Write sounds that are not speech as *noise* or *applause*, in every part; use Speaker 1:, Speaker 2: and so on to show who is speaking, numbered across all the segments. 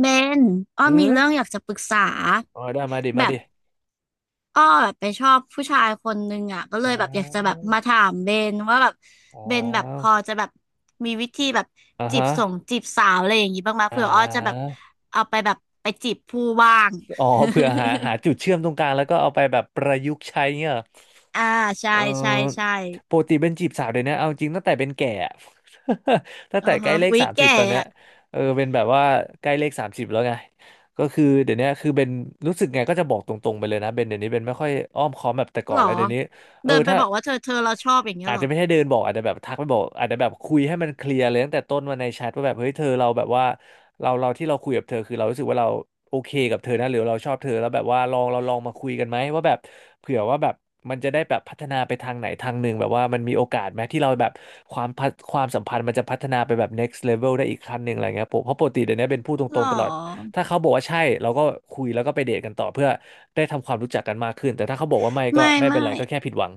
Speaker 1: เบนอ้อ
Speaker 2: อื
Speaker 1: มีเรื่อง
Speaker 2: ม
Speaker 1: อยากจะปรึกษา
Speaker 2: อ๋อได้มาดิ
Speaker 1: แบ
Speaker 2: มาดิ
Speaker 1: บอ้อแบบไปชอบผู้ชายคนนึงอ่ะก็เลย
Speaker 2: อ้า
Speaker 1: แบบอยากจะแบบ
Speaker 2: ว
Speaker 1: มาถามเบนว่าแบบ
Speaker 2: อ๋
Speaker 1: เบนแบบพอ
Speaker 2: อ
Speaker 1: จะแบบมีวิธีแบบ
Speaker 2: เออ่า
Speaker 1: จีบ
Speaker 2: ฮะ
Speaker 1: จีบสาวอะไรอย่างงี้บ้างไหม
Speaker 2: อ่
Speaker 1: เผื่ออ้อจะแบบ
Speaker 2: า
Speaker 1: เอาไปแบบไปจีบผู้บ้าง
Speaker 2: อ๋อเผื่อหาจุดเชื่อมตรงกลางแล้วก็เอาไปแบบประยุกต์ใช้เงี้ยเหรอ
Speaker 1: *laughs* อ่าใช่
Speaker 2: เอ
Speaker 1: ใช่
Speaker 2: อ
Speaker 1: ใช่
Speaker 2: ปกติเป็นจีบสาวเดี๋ยวนี้เอาจริงตั้งแต่เป็นแก่อะ *laughs* ตั้ง
Speaker 1: เออ
Speaker 2: แต่ใกล้
Speaker 1: ฮะ
Speaker 2: เลข
Speaker 1: วิ
Speaker 2: สามสิบ
Speaker 1: แก่
Speaker 2: ตอนเนี้ย
Speaker 1: อะ
Speaker 2: เออเป็นแบบว่าใกล้เลขสามสิบแล้วไงก็คือเดี๋ยวนี้คือเป็นรู้สึกไงก็จะบอกตรงๆไปเลยนะเบนเดี๋ยวนี้เบนไม่ค่อยอ้อมค้อมแบบแต่ก่อ
Speaker 1: ห
Speaker 2: น
Speaker 1: รอ
Speaker 2: แล้วเดี๋ยวนี้เออ
Speaker 1: เดินไป
Speaker 2: ถ้า
Speaker 1: บอกว่าเธอเราชอบอย่างเงี้ย
Speaker 2: อาจ
Speaker 1: หร
Speaker 2: จะ
Speaker 1: อ
Speaker 2: ไม่ใช่เดินบอกอาจจะแบบทักไปบอกอาจจะแบบคุยให้มันเคลียร์เลยตั้งแต่ต้นวันในแชทว่าแบบเฮ้ยเธอเราแบบว่าเราที่เราคุยกับเธอคือเรารู้สึกว่าเราโอเคกับเธอนะหรือเราชอบเธอแล้วแบบว่าลองเราลองมาคุยกันไหมว่าแบบเผื่อว่าแบบมันจะได้แบบพัฒนาไปทางไหนทางหนึ่งแบบว่ามันมีโอกาสไหมที่เราแบบความสัมพันธ์มันจะพัฒนาไปแบบ next level ได้อีกขั้นหนึ่งอะไรเงี้ยผมเพราะปกติเดี๋ยวนี้เป็นพูดต
Speaker 1: หร
Speaker 2: ร
Speaker 1: อ
Speaker 2: งๆตลอดถ้าเขาบอกว่าใช่เราก็คุยแล้วก็ไปเดทกันต่อเพื่อได้ทำความรู้จักกันมากขึ้นแต่ถ้าเขาบอกว่าไม่ก็
Speaker 1: ไม่
Speaker 2: ไม่เป็
Speaker 1: ไม่
Speaker 2: นไรก็แค่ผิดหวัง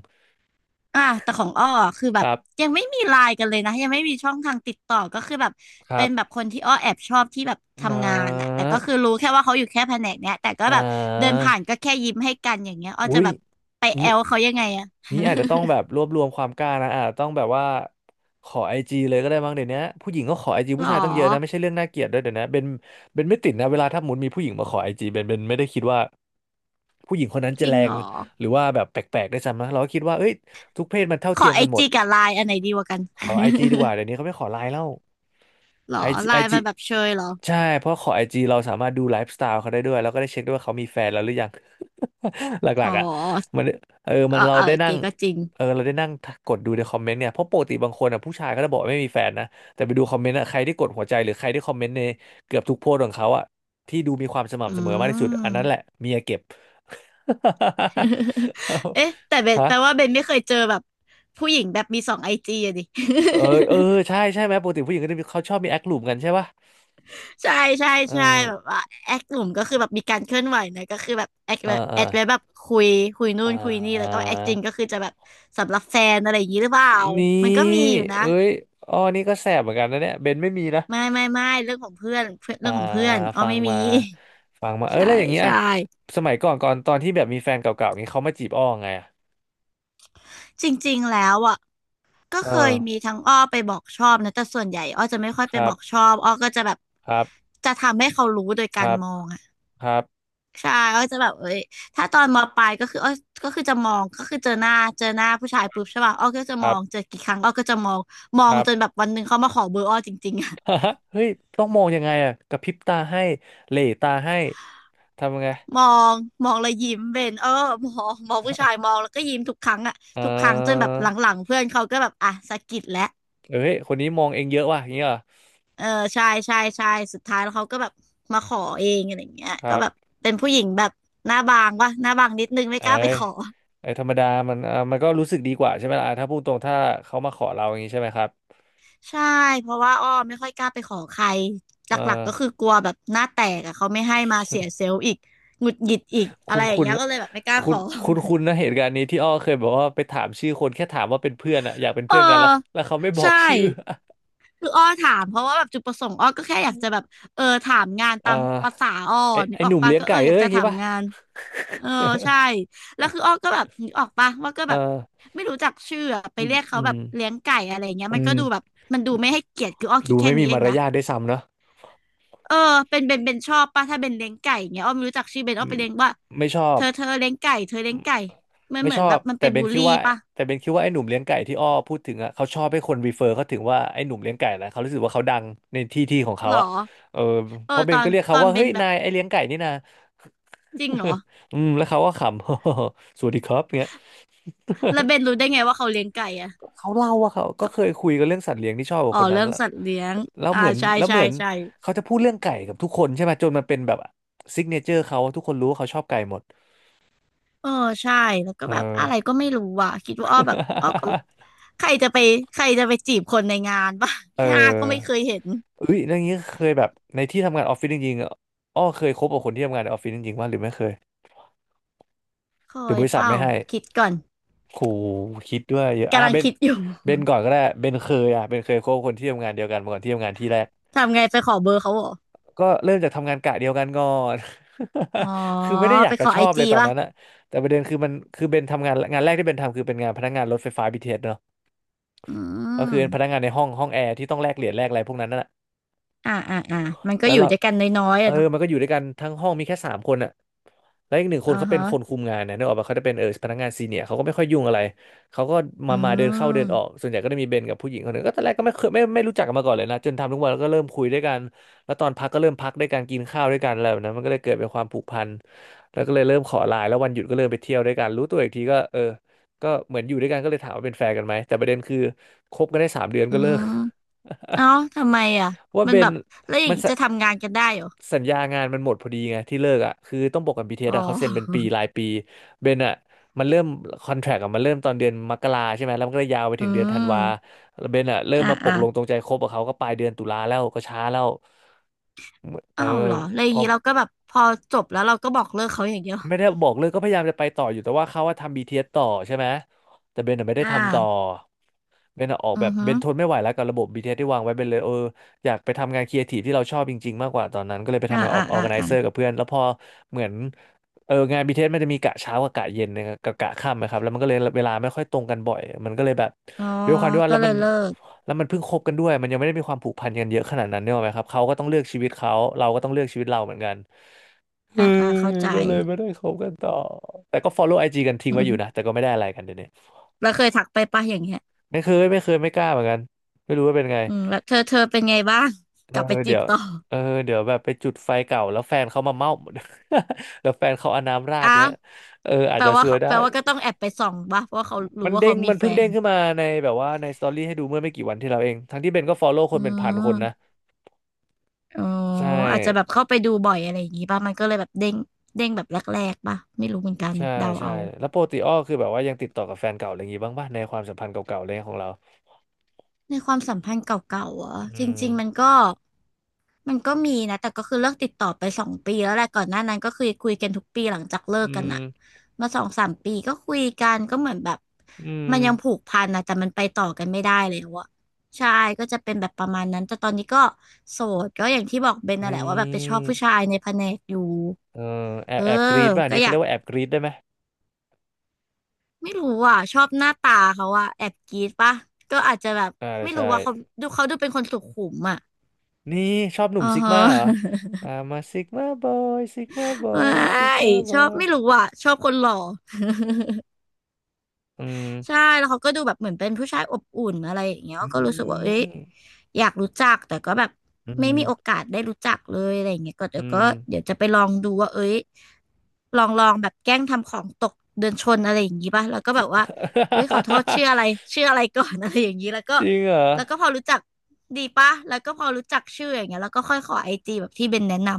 Speaker 1: อ่ะแต่ของอ้ออะคือแบ
Speaker 2: ค
Speaker 1: บ
Speaker 2: รับ
Speaker 1: ยังไม่มีไลน์กันเลยนะยังไม่มีช่องทางติดต่อก็คือแบบ
Speaker 2: ครั
Speaker 1: เป็นแบบ
Speaker 2: บ
Speaker 1: คนที่อ้อแอบชอบที่แบบ
Speaker 2: อ่
Speaker 1: ทำงานอะแต่
Speaker 2: า
Speaker 1: ก็คือรู้แค่ว่าเขาอยู่แค่แผนกเนี้ยแต่ก็
Speaker 2: อ่
Speaker 1: แบบเดิน
Speaker 2: า
Speaker 1: ผ่านก็แค่ยิ้มให้กันอย่างเงี้ยอ้อจะ
Speaker 2: อุ้ย
Speaker 1: แบบไปแอ
Speaker 2: นี้
Speaker 1: ลเขายังไงอะ
Speaker 2: นี้อาจจะต้องแบบรวบรวมความกล้านะอาจจะต้องแบบว่า ขอไอจีเลยก็ได้มั้งเดี๋ยวนี้ผู้หญิงก็ขอไอจี
Speaker 1: หร
Speaker 2: ผู้
Speaker 1: อ
Speaker 2: ชายตั้งเยอะนะไม่ใช่เรื่องน่าเกลียดด้วยเดี๋ยวนี้เบนไม่ติดนะเวลาถ้าสมมุนมีผู้หญิงมาขอไอจีเบนไม่ได้คิดว่า ผู้หญิงคนนั้น
Speaker 1: จ
Speaker 2: จะ
Speaker 1: ริ
Speaker 2: แร
Speaker 1: งหร
Speaker 2: ง
Speaker 1: อ
Speaker 2: หรือว่าแบบแปลกๆได้วยซ้ำนะเราก็คิดว่าเอ้ย ทุกเพศมันเท่า
Speaker 1: ข
Speaker 2: เที
Speaker 1: อ
Speaker 2: ยม
Speaker 1: ไอ
Speaker 2: กันหมด
Speaker 1: จีกับไลน์อันไหนดีกว่ากัน
Speaker 2: ขอไอจีดีกว่าเดี๋ยวนี้เขาไม่ขอไลน์แล้ว
Speaker 1: *laughs* หรอ
Speaker 2: ไอจี
Speaker 1: ไล
Speaker 2: ไอ
Speaker 1: น์
Speaker 2: จี
Speaker 1: มันแบบเชยเหรอ
Speaker 2: ใช่เพราะขอไอจีเราสามารถดูไลฟ์สไตล์เขาได้ด้วยแล้วก็ได้เช็คด้วยว่าเขามีแฟนแล้วหรือยัง *laughs* หลั
Speaker 1: อ๋
Speaker 2: ก
Speaker 1: อ
Speaker 2: ๆอ่ะมันเออ
Speaker 1: เอ
Speaker 2: มั
Speaker 1: อ
Speaker 2: นเรา
Speaker 1: เออ
Speaker 2: ได้
Speaker 1: โอเค
Speaker 2: นั่ง
Speaker 1: ก็จริง
Speaker 2: เออเราได้นั่งกดดูในคอมเมนต์เนี่ยเพราะปกติบางคนอ่ะผู้ชายก็จะบอกว่าไม่มีแฟนนะแต่ไปดูคอมเมนต์อ่ะใครที่กดหัวใจหรือใครที่คอมเมนต์ในเกือบทุกโพสต์ของเขาอ่ะที่ดูมีความส
Speaker 1: อื
Speaker 2: ม่ำเสมอมากที่สุด
Speaker 1: ม
Speaker 2: อันนั้นแหละเมียเก็บ
Speaker 1: *laughs* เอ๊ะแต่เบ
Speaker 2: *laughs*
Speaker 1: น
Speaker 2: ฮะ
Speaker 1: แปลว่าเบนไม่เคยเจอแบบผู้หญิงแบบมีสองไอจีอะดิ *laughs*
Speaker 2: เออเออใช่ใช่ไหมปกติผู้หญิงก็จะมีเขาชอบมีแอคหลุมกันใช่ปะ
Speaker 1: ใช่ใช่
Speaker 2: เออ
Speaker 1: ใช่แบบว่าแอคกลุ่มก็คือแบบมีการเคลื่อนไหวนะก็คือแอค
Speaker 2: เออ
Speaker 1: แบบ
Speaker 2: เออ
Speaker 1: แอคไว้แบบคุยนู่
Speaker 2: อ่
Speaker 1: นคุยนี่แล้วก็แอคจริงก็
Speaker 2: า
Speaker 1: คือจะแบบสำหรับแฟนอะไรอย่างนี้หรือเปล่า
Speaker 2: นี่
Speaker 1: มันก็มีอยู่นะ
Speaker 2: เอ้ยอ๋อนี่ก็แสบเหมือนกันนะเนี่ยเบนไม่มีนะ
Speaker 1: ไม่เรื่องของเพื่อนเพื่อน
Speaker 2: อ่า
Speaker 1: เรื่องของเพื่อนอ้อ
Speaker 2: ฟัง
Speaker 1: ไม่มี
Speaker 2: มาฟังมา
Speaker 1: *laughs*
Speaker 2: เออ
Speaker 1: ใช่
Speaker 2: แล้วอย่างเงี้ย
Speaker 1: ใช่
Speaker 2: สมัยก่อนตอนที่แบบมีแฟนเก่าๆนี้เขามาจีบอ้อไงอะ
Speaker 1: จริงๆแล้วอ่ะก็
Speaker 2: เอ
Speaker 1: เคยมี
Speaker 2: อ
Speaker 1: ทั้งอ้อไปบอกชอบนะแต่ส่วนใหญ่อ้อจะไม่ค่อย
Speaker 2: ค
Speaker 1: ไป
Speaker 2: รั
Speaker 1: บ
Speaker 2: บ
Speaker 1: อกชอบอ้อก็จะแบบ
Speaker 2: ครับ
Speaker 1: จะทำให้เขารู้โดย
Speaker 2: ค
Speaker 1: การ
Speaker 2: รับ
Speaker 1: มอง
Speaker 2: ครับ
Speaker 1: ใช่อ้อยจะแบบเอ้ยถ้าตอนมปลายก็คืออ้อยก็คือจะมองก็คือเจอหน้าผู้ชายปุ๊บใช่ป่ะอ้อยก็จะ
Speaker 2: ค
Speaker 1: ม
Speaker 2: รั
Speaker 1: อ
Speaker 2: บ
Speaker 1: งเจอกี่ครั้งอ้อยก็จะมองมอ
Speaker 2: ค
Speaker 1: ง
Speaker 2: รับ
Speaker 1: จนแบบวันหนึ่งเขามาขอเบอร์อ้อยจริงๆอะ
Speaker 2: *laughs* เฮ้ยต้องมองยังไงอะกระพริบตาให้เหล่ตาให้ ทำยังไง
Speaker 1: *laughs* มองมองแล้วยิ้มเบนเออมองผู้ชายมองแล้วก็ยิ้มทุกครั้งอะ
Speaker 2: เอ
Speaker 1: ทุกครั้งจนแบ
Speaker 2: อ
Speaker 1: บหลังๆเพื่อนเขาก็แบบอ่ะสะกิดแล้ว
Speaker 2: เอ้ยคนนี้มองเองเยอะว่ะอย่างเงี้ยเหรอ
Speaker 1: เออใช่ใช่สุดท้ายแล้วเขาก็แบบมาขอเองอะไรอย่างเงี้ย
Speaker 2: ค
Speaker 1: ก็
Speaker 2: รับ
Speaker 1: แบบเป็นผู้หญิงแบบหน้าบางวะหน้าบางนิดนึงไม่
Speaker 2: เอ้
Speaker 1: กล้าไป
Speaker 2: ย
Speaker 1: ขอ
Speaker 2: ไอ้ยธรรมดามันอ่ามันก็รู้สึกดีกว่าใช่ไหมล่ะอ่ะถ้าพูดตรงถ้าเขามาขอเราอย่างนี้ใช่ไหมครับ
Speaker 1: ใช่เพราะว่าอ้อไม่ค่อยกล้าไปขอใครห
Speaker 2: เ
Speaker 1: ลักๆก็คื
Speaker 2: ออ
Speaker 1: อกลัวแบบหน้าแตกอะเขาไม่ให้มาเสียเซลล์อีกหงุดหงิดอีกอะ
Speaker 2: คุ
Speaker 1: ไร
Speaker 2: ณ
Speaker 1: อย่าง
Speaker 2: คุณ
Speaker 1: เงี้ยก็เลยแบบไม่กล้า
Speaker 2: คุ
Speaker 1: ข
Speaker 2: ณ
Speaker 1: อ
Speaker 2: คุณนะเหตุการณ์นี้ที่อ้อเคยบอกว่าไปถามชื่อคนแค่ถามว่าเป็นเพื่อนอะอยากเป็น
Speaker 1: เออ
Speaker 2: เพื่อนกันแล้วเขาไม่บอ
Speaker 1: ใช่
Speaker 2: กชื่อ
Speaker 1: คืออ้อถามเพราะว่าแบบจุดประสงค์อ้อก็แค่อยากจะแบบเออถามงาน
Speaker 2: *laughs*
Speaker 1: ตา
Speaker 2: อ่า
Speaker 1: มภาษาอ้อ
Speaker 2: ไอ
Speaker 1: นึ
Speaker 2: ไอ
Speaker 1: กอ
Speaker 2: ห
Speaker 1: อก
Speaker 2: นุ่ม
Speaker 1: ปะ
Speaker 2: เลี้ยง
Speaker 1: ก็เอ
Speaker 2: ไก่
Speaker 1: ออ
Speaker 2: เอ้
Speaker 1: ยาก
Speaker 2: ยอ
Speaker 1: จะ
Speaker 2: ย่างงี้
Speaker 1: ถาม
Speaker 2: ป่ะ
Speaker 1: งานเออใช่แล้วคืออ้อก็แบบนึกออกปะว่าก็
Speaker 2: เอ
Speaker 1: แบบ
Speaker 2: อ
Speaker 1: ไม่รู้จักชื่ออะไป
Speaker 2: อืม
Speaker 1: เรียก
Speaker 2: อื
Speaker 1: เขาแบ
Speaker 2: ม
Speaker 1: บเลี้ยงไก่อะไรอย่างเงี้ย
Speaker 2: อื
Speaker 1: มันก็ดูแบบ
Speaker 2: ม
Speaker 1: มันดูไม่ให้เกียรติคืออ้อคิด
Speaker 2: ดู
Speaker 1: แค่
Speaker 2: ไม่
Speaker 1: นี้
Speaker 2: มี
Speaker 1: เอ
Speaker 2: มา
Speaker 1: ง
Speaker 2: ร
Speaker 1: นะ
Speaker 2: ยาทด้วยซ้ำเนอะ
Speaker 1: เออเป็นเบนชอบป่ะถ้าเบนเลี้ยงไก่เงี้ยอ้อมรู้จักชื่อเบน
Speaker 2: อื
Speaker 1: อ้อม
Speaker 2: ม
Speaker 1: ไปเลี้ยงว่า
Speaker 2: ไม่ชอ
Speaker 1: เธ
Speaker 2: บ
Speaker 1: อเธอเลี้ยงไก่เธอเลี้ยงไก่มัน
Speaker 2: ไม่
Speaker 1: เหมื
Speaker 2: ช
Speaker 1: อน
Speaker 2: อ
Speaker 1: แบ
Speaker 2: บ
Speaker 1: บมันไป
Speaker 2: แต่เบ
Speaker 1: บู
Speaker 2: น
Speaker 1: ล
Speaker 2: คิด
Speaker 1: ลี่
Speaker 2: ว่า
Speaker 1: ป่ะ
Speaker 2: แต่เบนคิดว่าไอ้หนุ่มเลี้ยงไก่ที่อ้อพูดถึงอ่ะเขาชอบให้คนรีเฟอร์เขาถึงว่าไอ้หนุ่มเลี้ยงไก่นะเขารู้สึกว่าเขาดังในที่ของเขา
Speaker 1: หร
Speaker 2: อ่ะ
Speaker 1: อ
Speaker 2: เออ
Speaker 1: เอ
Speaker 2: เพ
Speaker 1: อ
Speaker 2: ราะเบ
Speaker 1: ต
Speaker 2: น
Speaker 1: อ
Speaker 2: ก็
Speaker 1: น
Speaker 2: เรียก
Speaker 1: ต
Speaker 2: เขา
Speaker 1: อน
Speaker 2: ว่า
Speaker 1: เบ
Speaker 2: เฮ้ย
Speaker 1: นแบบ
Speaker 2: นายไอ้เลี้ยงไก่นี่นะ
Speaker 1: จริงเหรอ
Speaker 2: *laughs* อืมแล้วเขาก็ขำ *laughs* สวัสดีครับเงี้ย *laughs*
Speaker 1: แล้วเบนรู้ได้ไงว่าเขาเลี้ยงไก่อะ
Speaker 2: เขาเล่าว่าเขาก็เคยคุยกันเรื่องสัตว์เลี้ยงที่ชอบกับ
Speaker 1: อ๋อ
Speaker 2: คนนั้
Speaker 1: เรื่
Speaker 2: น
Speaker 1: อง
Speaker 2: แล้ว
Speaker 1: สัตว์เลี้ยง
Speaker 2: แล้ว
Speaker 1: อ่า
Speaker 2: เหมือน
Speaker 1: ใช่
Speaker 2: แล้วเห
Speaker 1: ใช่
Speaker 2: มือน
Speaker 1: ใช่
Speaker 2: เขาจะพูดเรื่องไก่กับทุกคนใช่ไหมจนมันเป็นแบบซิกเนเจอร์เขาทุกคนรู้ว่าเขาชอบไก่หมด
Speaker 1: เออใช่แล้วก็
Speaker 2: เอ
Speaker 1: แบบอะไรก็
Speaker 2: อ
Speaker 1: ไม่รู้อ่ะคิดว่าอ้อแบบอ้อก็
Speaker 2: *laughs*
Speaker 1: ใครจะไปใครจะไปจีบคนในงานป่ะ
Speaker 2: เ
Speaker 1: หน้า *laughs* ก็ไม่
Speaker 2: อ
Speaker 1: เค
Speaker 2: อ
Speaker 1: ยเห็น
Speaker 2: เอ้ยเรื่องนี้เคยแบบในที่ทำงานออฟฟิศจริงๆอะอ้อเคยคบกับคนที่ทำงานในออฟฟิศจริงๆว่าหรือไม่เคย
Speaker 1: เค
Speaker 2: หรือ
Speaker 1: ย
Speaker 2: บริษั
Speaker 1: เป
Speaker 2: ท
Speaker 1: ล่า
Speaker 2: ไม่ให้
Speaker 1: คิดก่อน
Speaker 2: โหคิดด้วยเยอะอ่ะ
Speaker 1: กำลัง
Speaker 2: เบน
Speaker 1: คิดอยู่
Speaker 2: เบนก่อนก็ได้เบนเคยคบกับคนที่ทำงานเดียวกันมาก่อนที่ทำงานที่แรก
Speaker 1: *laughs* ทำไงไปขอเบอร์เขาเหรอ
Speaker 2: ก็เริ่มจากทำงานกะเดียวกันก่อน
Speaker 1: อ๋อ
Speaker 2: *laughs* คือไม่ได้อยา
Speaker 1: ไป
Speaker 2: ก
Speaker 1: ข
Speaker 2: จะ
Speaker 1: อ
Speaker 2: ช
Speaker 1: ไอ
Speaker 2: อบเล
Speaker 1: จี
Speaker 2: ยตอน
Speaker 1: ป่ะ
Speaker 2: นั้นอะแต่ประเด็นคือมันคือเบนทำงานงานแรกที่เบนทำคือเป็นงานพนักงานรถไฟฟ้า BTS เอสเนอะ
Speaker 1: อื
Speaker 2: ก็คือเป็นพนั
Speaker 1: ม
Speaker 2: กงานในห้องแอร์ที่ต้องแลกเหรียญแลกอะไรพวกนั้นน่ะ
Speaker 1: อ่ามันก็
Speaker 2: แล้ว
Speaker 1: อยู่
Speaker 2: เรา
Speaker 1: ด้วยกันน้อยๆ
Speaker 2: เอ
Speaker 1: อะ
Speaker 2: อ
Speaker 1: เนาะ
Speaker 2: มันก็อยู่ด้วยกันทั้งห้องมีแค่สามคนอะแล้วอีกหนึ่งคน
Speaker 1: อ่า
Speaker 2: เขาเป็นคน
Speaker 1: ฮะ
Speaker 2: คุมงานนะนึกออกปะเขาจะเป็นเออพนักงานซีเนียร์เขาก็ไม่ค่อยยุ่งอะไรเขาก็
Speaker 1: อื
Speaker 2: มาเดินเข้าเดินออก
Speaker 1: ม
Speaker 2: ส่วนใหญ่ก็จะมีเบนกับผู้หญิงคนหนึ่งก็ตอนแรกก็ไม่เคยไม่รู้จักกันมาก่อนเลยนะจนทำทุกวันแล้วก็เริ่มคุยด้วยกันแล้วตอนพักก็เริ่มพักด้วยกันกินข้าวด้วยกันอะไรแบบนั้นมันก็เลยเกิดเป็นความผูกพันแล้วก็เลยเริ่มขอไลน์แล้ววันหยุดก็เริ่มไปเที่ยวด้วยกันรู้ตัวอีกทีก็เออก็เหมือนอยู่ด้วยกันก็เลยถามว่าเป็นแฟนกันไหมแต่ประเด็นคือคบกันได้สามเดือน
Speaker 1: อื
Speaker 2: ก็เลิก
Speaker 1: ม
Speaker 2: *laughs*
Speaker 1: เอ้าทำไมอ่ะ
Speaker 2: เพราะว่า
Speaker 1: มั
Speaker 2: เบ
Speaker 1: นแบ
Speaker 2: น
Speaker 1: บแล้วอย่าง
Speaker 2: มัน
Speaker 1: นี้
Speaker 2: ส
Speaker 1: จะทำงานกันได้เหรอ
Speaker 2: สัญญางานมันหมดพอดีไงที่เลิกอ่ะคือต้องบอกกัน BTS
Speaker 1: อ๋อ
Speaker 2: อสอะเขาเซ็นเป็นปีรายปีเบนอ่ะมันเริ่มคอนแทรคอะมันเริ่มตอนเดือนมกราใช่ไหมแล้วมันก็ไดยยาวไป
Speaker 1: อื
Speaker 2: ถึงเดือนธันวา
Speaker 1: ม
Speaker 2: แล้วเบนอ่ะเริ่ม
Speaker 1: อ่า
Speaker 2: มาปกลงตรงใจคบกับเขาก็ปลายเดือนตุลาแล้วก็ช้าแล้วเอ
Speaker 1: อ้าวเห
Speaker 2: อ
Speaker 1: รอแล้วอ
Speaker 2: พ
Speaker 1: ย่าง
Speaker 2: อ
Speaker 1: นี้เราก็แบบพอจบแล้วเราก็บอกเลิกเขาอย่างเดียว
Speaker 2: ไม่ได้บอกเลยก็พยายามจะไปต่ออยู่แต่ว่าเขาว่าทำ BTS ต่อใช่ไหมแต่เบนน่ะไม่ได้
Speaker 1: อ่
Speaker 2: ทำต่อ
Speaker 1: า
Speaker 2: เบนน่ะออก
Speaker 1: อื
Speaker 2: แบ
Speaker 1: อ
Speaker 2: บ
Speaker 1: ฮึ
Speaker 2: เบนทนไม่ไหวแล้วกับระบบ BTS ทีเอสที่วางไว้เบนเลยเอออยากไปทำงานครีเอทีฟที่เราชอบจริงๆมากกว่าตอนนั้นก็เลยไป
Speaker 1: อ่า
Speaker 2: ทำงานอ
Speaker 1: อ่า
Speaker 2: อร์
Speaker 1: อ่า
Speaker 2: แกไน
Speaker 1: อ่า
Speaker 2: เซอร์กับเพื่อนแล้วพอเหมือนเอองาน BTS มันจะมีกะเช้ากับกะเย็นนะครับกับกะค่ำนะครับแล้วมันก็เลยเวลาไม่ค่อยตรงกันบ่อยมันก็เลยแบบ
Speaker 1: อ๋อ
Speaker 2: ด้วยความที่ว่า
Speaker 1: ก็
Speaker 2: แล้ว
Speaker 1: เล
Speaker 2: มั
Speaker 1: ย
Speaker 2: น
Speaker 1: เลิก
Speaker 2: แล้วมันเพิ่งคบกันด้วยมันยังไม่ได้มีความผูกพันกันเยอะขนาดนั้นเนี่ยหรอกไหมครับเขาก็ต้องเลือกชีวิตเขาเราก็ต้องเลือกชีวิตเราเหมือนกัน เออ
Speaker 1: เข้าใจ
Speaker 2: ก็เลยไม่ได้คบกันต่อ แต่ก็ follow ไอจีกัน
Speaker 1: *laughs*
Speaker 2: ทิ้ง
Speaker 1: อื
Speaker 2: ไว้
Speaker 1: อ
Speaker 2: อยู่
Speaker 1: ฮึ
Speaker 2: นะแต่ก็ไม่ได้อะไรกันเดี๋ยวนี้
Speaker 1: แล้วเคยทักไปป่ะอย่างเงี้ย
Speaker 2: ไม่เคยไม่กล้าเหมือนกันไม่รู้ว่าเป็นไง
Speaker 1: อืมแล้วเธอเป็นไงบ้าง *laughs*
Speaker 2: เอ
Speaker 1: ก
Speaker 2: อ
Speaker 1: ลับไปจี
Speaker 2: เดี๋
Speaker 1: บ
Speaker 2: ยว
Speaker 1: ต่อ
Speaker 2: เออเดี๋ยวแบบไปจุดไฟเก่าแล้วแฟนเขามาเม่า *laughs* แล้วแฟนเขาเอาน้ำราด
Speaker 1: อ้า
Speaker 2: เนี้ย
Speaker 1: ว
Speaker 2: เอออาจจะซวยได้
Speaker 1: แปลว่าก็ต้องแอบไปส่องปะเพราะว่าเขารู้
Speaker 2: มัน
Speaker 1: ว่า
Speaker 2: เด้
Speaker 1: เขา
Speaker 2: ง
Speaker 1: มี
Speaker 2: มัน
Speaker 1: แฟ
Speaker 2: เพิ่งเด้
Speaker 1: น
Speaker 2: งขึ้นมาในแบบว่าในสตอรี่ให้ดูเมื่อไม่กี่วันที่เราเองทั้งที่เบนก็ follow ค
Speaker 1: อื
Speaker 2: นเป็นพันคนนะ
Speaker 1: มอ๋อ
Speaker 2: ใช่
Speaker 1: อาจจะแบบเข้าไปดูบ่อยอะไรอย่างงี้ป่ะมันก็เลยแบบเด้งเด้งแบบแรกๆป่ะไม่รู้เหมือนกัน
Speaker 2: ใช่
Speaker 1: เดา
Speaker 2: ใช่
Speaker 1: เอา
Speaker 2: แล้วปกติอ้อคือแบบว่ายังติดต่อกับแฟนเก่าอะไรอย่างงี้บ้างป่ะในความสัมพันธ์เก่าๆอะไรเงี้ยของเรา
Speaker 1: ในความสัมพันธ์เก่าๆอห
Speaker 2: อื
Speaker 1: จ
Speaker 2: ม
Speaker 1: ริงๆมันก็มีนะแต่ก็คือเลิกติดต่อไป2 ปีแล้วแหละก่อนหน้านั้นก็คือคุยกันทุกปีหลังจากเลิก
Speaker 2: อื
Speaker 1: กัน
Speaker 2: ม
Speaker 1: อะมา2 3 ปีก็คุยกันก็เหมือนแบบ
Speaker 2: อืม
Speaker 1: มันยังผูกพันนะแต่มันไปต่อกันไม่ได้แล้วอะใช่ก็จะเป็นแบบประมาณนั้นแต่ตอนนี้ก็โสดก็อย่างที่บอกเบนน่ะแหละ
Speaker 2: นี่
Speaker 1: ว่าแบบไปชอบผู้ชายในแผนกอยู่
Speaker 2: เออแอ
Speaker 1: เอ
Speaker 2: บแอบกรี
Speaker 1: อ
Speaker 2: ดป่ะอัน
Speaker 1: ก็
Speaker 2: นี้
Speaker 1: อ
Speaker 2: เขา
Speaker 1: ยา
Speaker 2: เรี
Speaker 1: ก
Speaker 2: ยกว่าแอบกรีดได้ไหม
Speaker 1: ไม่รู้อ่ะชอบหน้าตาเขาอ่ะแอบกรี๊ดปะก็อาจจะแบบ
Speaker 2: อ่า
Speaker 1: ไม่
Speaker 2: ใช่
Speaker 1: รู้ว่าเขาดูเขาดูเป็นคนสุขุมอ่ะ
Speaker 2: นี่ชอบหนุ่
Speaker 1: อ๋
Speaker 2: ม
Speaker 1: อ
Speaker 2: ซิก
Speaker 1: ฮะ
Speaker 2: มาเหรออ่ามาซิกมาบอยซิกมาบอ
Speaker 1: *laughs* ไม
Speaker 2: ยซิก
Speaker 1: ่
Speaker 2: มาบ
Speaker 1: ช
Speaker 2: อ
Speaker 1: อบไม่
Speaker 2: ย
Speaker 1: รู้อ่ะชอบคนหล่อ
Speaker 2: อืม
Speaker 1: ใช่แล้วเขาก็ดูแบบเหมือนเป็นผู้ชายอบอุ่นอะไรอย่างเงี้ย
Speaker 2: นี
Speaker 1: ก็รู้สึกว่าเอ้
Speaker 2: ่
Speaker 1: ยอยากรู้จักแต่ก็แบบ
Speaker 2: อื
Speaker 1: ไม่
Speaker 2: ม
Speaker 1: มีโอกาสได้รู้จักเลยอะไรอย่างเงี้ยก็
Speaker 2: อื
Speaker 1: เดี๋ยวก็
Speaker 2: ม
Speaker 1: เดี๋ยวจะไปลองดูว่าเอ้ยลองลองแบบแกล้งทำของตกเดินชนอะไรอย่างงี้ป่ะแล้วก็แบบว่าเฮ้ยขอโทษชื่ออะไร
Speaker 2: *laughs*
Speaker 1: ชื่ออะไรก่อน *laughs* อะไรอย่างงี้แล้วก็
Speaker 2: จริงเหรอ
Speaker 1: แล้วก็พอรู้จักดีป่ะแล้วก็พอรู้จักชื่ออย่างเงี้ยแล้วก็ค่อยขอไอจีแบบที่เบนแนะน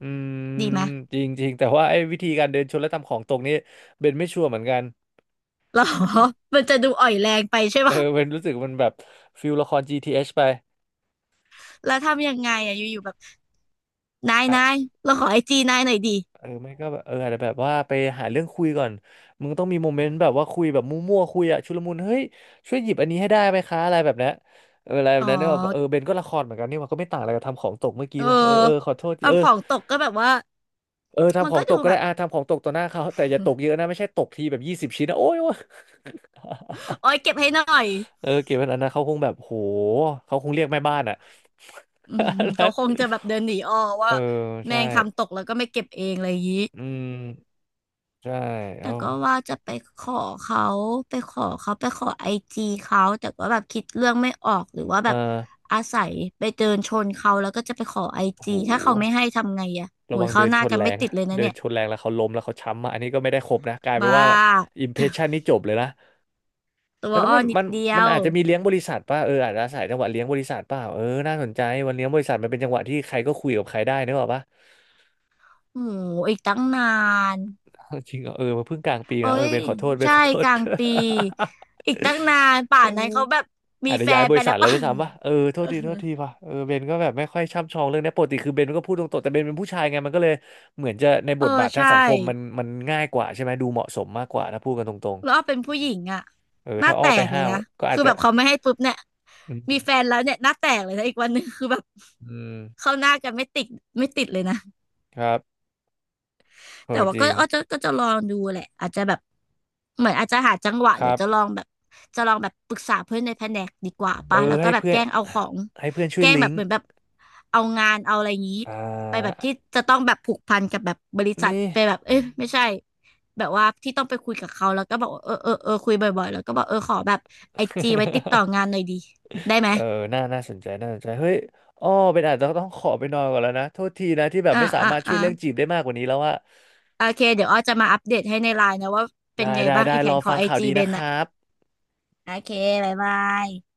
Speaker 2: อืม
Speaker 1: ำดีไหม
Speaker 2: จริงจริงแต่ว่าไอ้วิธีการเดินชนและทำของตกนี่เบนไม่ชัวร์เหมือนกัน
Speaker 1: หรอ *laughs* มันจะดูอ่อยแรงไปใช่
Speaker 2: เออ
Speaker 1: ปะ
Speaker 2: เบนรู้สึกมันแบบฟิลละคร GTH ไป
Speaker 1: แล้วทำยังไงอ่ะอยู่ๆแบบนายเราขอไอจีนายหน่อยดิ
Speaker 2: เออไม่ก็แบบเอออาจจะแบบว่าไปหาเรื่องคุยก่อนมึงต้องมีโมเมนต์แบบว่าคุยแบบมั่วๆคุยอะชุลมุนเฮ้ยช่วยหยิบอันนี้ให้ได้ไหมคะอะไรแบบเนี้ยเอออะไรแบ
Speaker 1: อ๋
Speaker 2: บ
Speaker 1: อ
Speaker 2: นั้นเนี่ยแบบเออเบนก็ละครเหมือนกันนี่มันก็ไม่ต่างอะไรกับทำของตกเมื่อกี้
Speaker 1: เออ
Speaker 2: เลยเออเออขอโทษทีเออ
Speaker 1: ทำของตกก็แบบว่า
Speaker 2: เออ
Speaker 1: มั
Speaker 2: ทำ
Speaker 1: น
Speaker 2: ขอ
Speaker 1: ก็
Speaker 2: งต
Speaker 1: ดู
Speaker 2: กก็
Speaker 1: แบ
Speaker 2: ได้
Speaker 1: บ
Speaker 2: อ่ะทำของตกต่อหน้าเขาแต่อย่าตกเยอะนะไม่ใช่ตกทีแบบยี่สิบชิ้นนะโอ้ยโอ๊ย
Speaker 1: โอ้ยเก็บให้หน่อย
Speaker 2: เออเก็บไว้อันนั้นเขาคงแบบโหเขาคงเรียกแม่บ้านอะ
Speaker 1: อืม
Speaker 2: *laughs*
Speaker 1: เขา
Speaker 2: นั้น
Speaker 1: คงจะแบบเดินหนีอ้อ
Speaker 2: เอ
Speaker 1: ว่า
Speaker 2: อ
Speaker 1: แม
Speaker 2: ใช่
Speaker 1: งทำตกแล้วก็ไม่เก็บเองอะไรอย่างนี้
Speaker 2: อืมใช่
Speaker 1: แต่
Speaker 2: เอ้า
Speaker 1: ก็ว่าจะไปขอเขาไปขอไอจีเขาแต่ก็แบบคิดเรื่องไม่ออกหรือว่าแบ
Speaker 2: อ่
Speaker 1: บ
Speaker 2: า
Speaker 1: อาศัยไปเดินชนเขาแล้วก็จะไปขอไอ
Speaker 2: โห
Speaker 1: จีถ้าเขาไม่ให้ทำไงอะโอ้
Speaker 2: ระวั
Speaker 1: ย
Speaker 2: งเดิ
Speaker 1: เข้า
Speaker 2: น
Speaker 1: ห
Speaker 2: ช
Speaker 1: น้า
Speaker 2: น
Speaker 1: กัน
Speaker 2: แร
Speaker 1: ไม่
Speaker 2: ง
Speaker 1: ติ
Speaker 2: นะ
Speaker 1: ดเลยนะ
Speaker 2: เดิน
Speaker 1: เนี่ย
Speaker 2: ชนแรงแล้วเขาล้มแล้วเขาช้ำมาอันนี้ก็ไม่ได้ครบนะกลายเป็น
Speaker 1: บ้า
Speaker 2: ว่าอิมเพรสชันนี่จบเลยนะ
Speaker 1: ตั
Speaker 2: เออ
Speaker 1: ว
Speaker 2: แล้ว
Speaker 1: อ้อ
Speaker 2: มัน
Speaker 1: นิด
Speaker 2: มัน
Speaker 1: เดีย
Speaker 2: มัน
Speaker 1: ว
Speaker 2: อาจจะมีเลี้ยงบริษัทป่ะเอออาจจะอาศัยจังหวะเลี้ยงบริษัทป่ะเออน่าสนใจวันเลี้ยงบริษัทมันเป็นจังหวะที่ใครก็คุยกับใครได้นึกออกป่ะ
Speaker 1: โหอีกตั้งนาน
Speaker 2: *laughs* จริงเหรอ *laughs* เออมาเพิ่งกลางปี
Speaker 1: เอ้
Speaker 2: นะเออ
Speaker 1: ย
Speaker 2: เบนขอโทษเบน
Speaker 1: ใช่
Speaker 2: *laughs* ขอโท
Speaker 1: ก
Speaker 2: ษ
Speaker 1: ลางปี
Speaker 2: *laughs*
Speaker 1: อีกตั้งนานป่า
Speaker 2: เ
Speaker 1: นนั้นเขา
Speaker 2: อ
Speaker 1: แบ
Speaker 2: อ
Speaker 1: บมี
Speaker 2: อาจจะ
Speaker 1: แฟ
Speaker 2: ย้าย
Speaker 1: น
Speaker 2: บ
Speaker 1: ไป
Speaker 2: ริษั
Speaker 1: แล้
Speaker 2: ท
Speaker 1: ว
Speaker 2: แล้ว
Speaker 1: ป่ะ
Speaker 2: ด้
Speaker 1: *laughs*
Speaker 2: วยซ้ำป่ะเออโท
Speaker 1: เออ
Speaker 2: ษทีโทษทีป่ะเออเบนก็แบบไม่ค่อยช่ำชองเรื่องเนี้ยปกติคือเบนก็พูดตรงๆแต่เบนเป็นผู้ชายไงมันก็เลยเหมือนจะในบ
Speaker 1: เอ
Speaker 2: ท
Speaker 1: อ
Speaker 2: บาททาง
Speaker 1: ใช่
Speaker 2: สังคมมันง่ายกว่าใช่ไหมดูเหมาะสมมากกว่าถ้าพูดกันตรง
Speaker 1: แล้วอ้อเป็นผู้หญิงอะ
Speaker 2: เออ
Speaker 1: หน้า
Speaker 2: ถ้าอ้
Speaker 1: แต
Speaker 2: อไป
Speaker 1: กเลย
Speaker 2: ห้าว
Speaker 1: นะ
Speaker 2: ก็อา
Speaker 1: คื
Speaker 2: จ
Speaker 1: อ
Speaker 2: จะ
Speaker 1: แบบเขาไม่ให้ปุ๊บเนี่ย
Speaker 2: อื
Speaker 1: มีแฟ
Speaker 2: ม
Speaker 1: นแล้วเนี่ยหน้าแตกเลยนะอีกวันหนึงคือแบบ
Speaker 2: อืม
Speaker 1: เข้าหน้ากันไม่ติดไม่ติดเลยนะ
Speaker 2: ครับเอ
Speaker 1: แต่
Speaker 2: อ
Speaker 1: ว่า
Speaker 2: จ
Speaker 1: ก็
Speaker 2: ริง
Speaker 1: อ้อจะจะลองดูแหละอาจจะแบบเหมือนอาจจะหาจังหวะ
Speaker 2: ค
Speaker 1: เดี๋
Speaker 2: รั
Speaker 1: ยว
Speaker 2: บ
Speaker 1: จะลองแบบปรึกษาเพื่อนในแผนกดีกว่า
Speaker 2: เออ
Speaker 1: ปะแล้วก็
Speaker 2: ให้
Speaker 1: แบบ
Speaker 2: เพื่อ
Speaker 1: แก
Speaker 2: น
Speaker 1: ล้งเอาของ
Speaker 2: ให้เพื่อนช่
Speaker 1: แก
Speaker 2: วย
Speaker 1: ล้ง
Speaker 2: ลิ
Speaker 1: แบ
Speaker 2: ง
Speaker 1: บ
Speaker 2: ก์
Speaker 1: เหมือนแบบเอางานเอาอะไรอย่างนี้
Speaker 2: อ่
Speaker 1: ไปแบ
Speaker 2: า
Speaker 1: บที่จะต้องแบบผูกพันกับแบบบริษัท
Speaker 2: นี่
Speaker 1: ไปแบบเอ้ยไม่ใช่แบบว่าที่ต้องไปคุยกับเขาแล้วก็บอกว่าเออเออเออคุยบ่อยๆแล้วก็บอกเออขอแบบไอจีไว้ติดต่องา
Speaker 2: *laughs*
Speaker 1: นหน่อยดีได้ไหม
Speaker 2: เออน่าสนใจเฮ้ยอ้อเป็นอาจจะต้องขอไปนอนก่อนแล้วนะโทษทีนะที่แบบ
Speaker 1: อ่า
Speaker 2: ไม่สา
Speaker 1: อ่า
Speaker 2: มารถช่ว
Speaker 1: อ่า
Speaker 2: ยเรื่องจีบได้มากกว่านี้แล้วอะ
Speaker 1: โอเคเดี๋ยวอ้อจะมาอัปเดตให้ในไลน์นะว่าเป็
Speaker 2: ได้
Speaker 1: นไง
Speaker 2: ได้
Speaker 1: บ้าง
Speaker 2: ได้
Speaker 1: อีแผ
Speaker 2: รอ
Speaker 1: นขอ
Speaker 2: ฟัง
Speaker 1: ไอ
Speaker 2: ข่าว
Speaker 1: จี
Speaker 2: ดี
Speaker 1: เบ
Speaker 2: นะ
Speaker 1: น
Speaker 2: ค
Speaker 1: อะ
Speaker 2: รับ
Speaker 1: โอเคบ๊ายบาย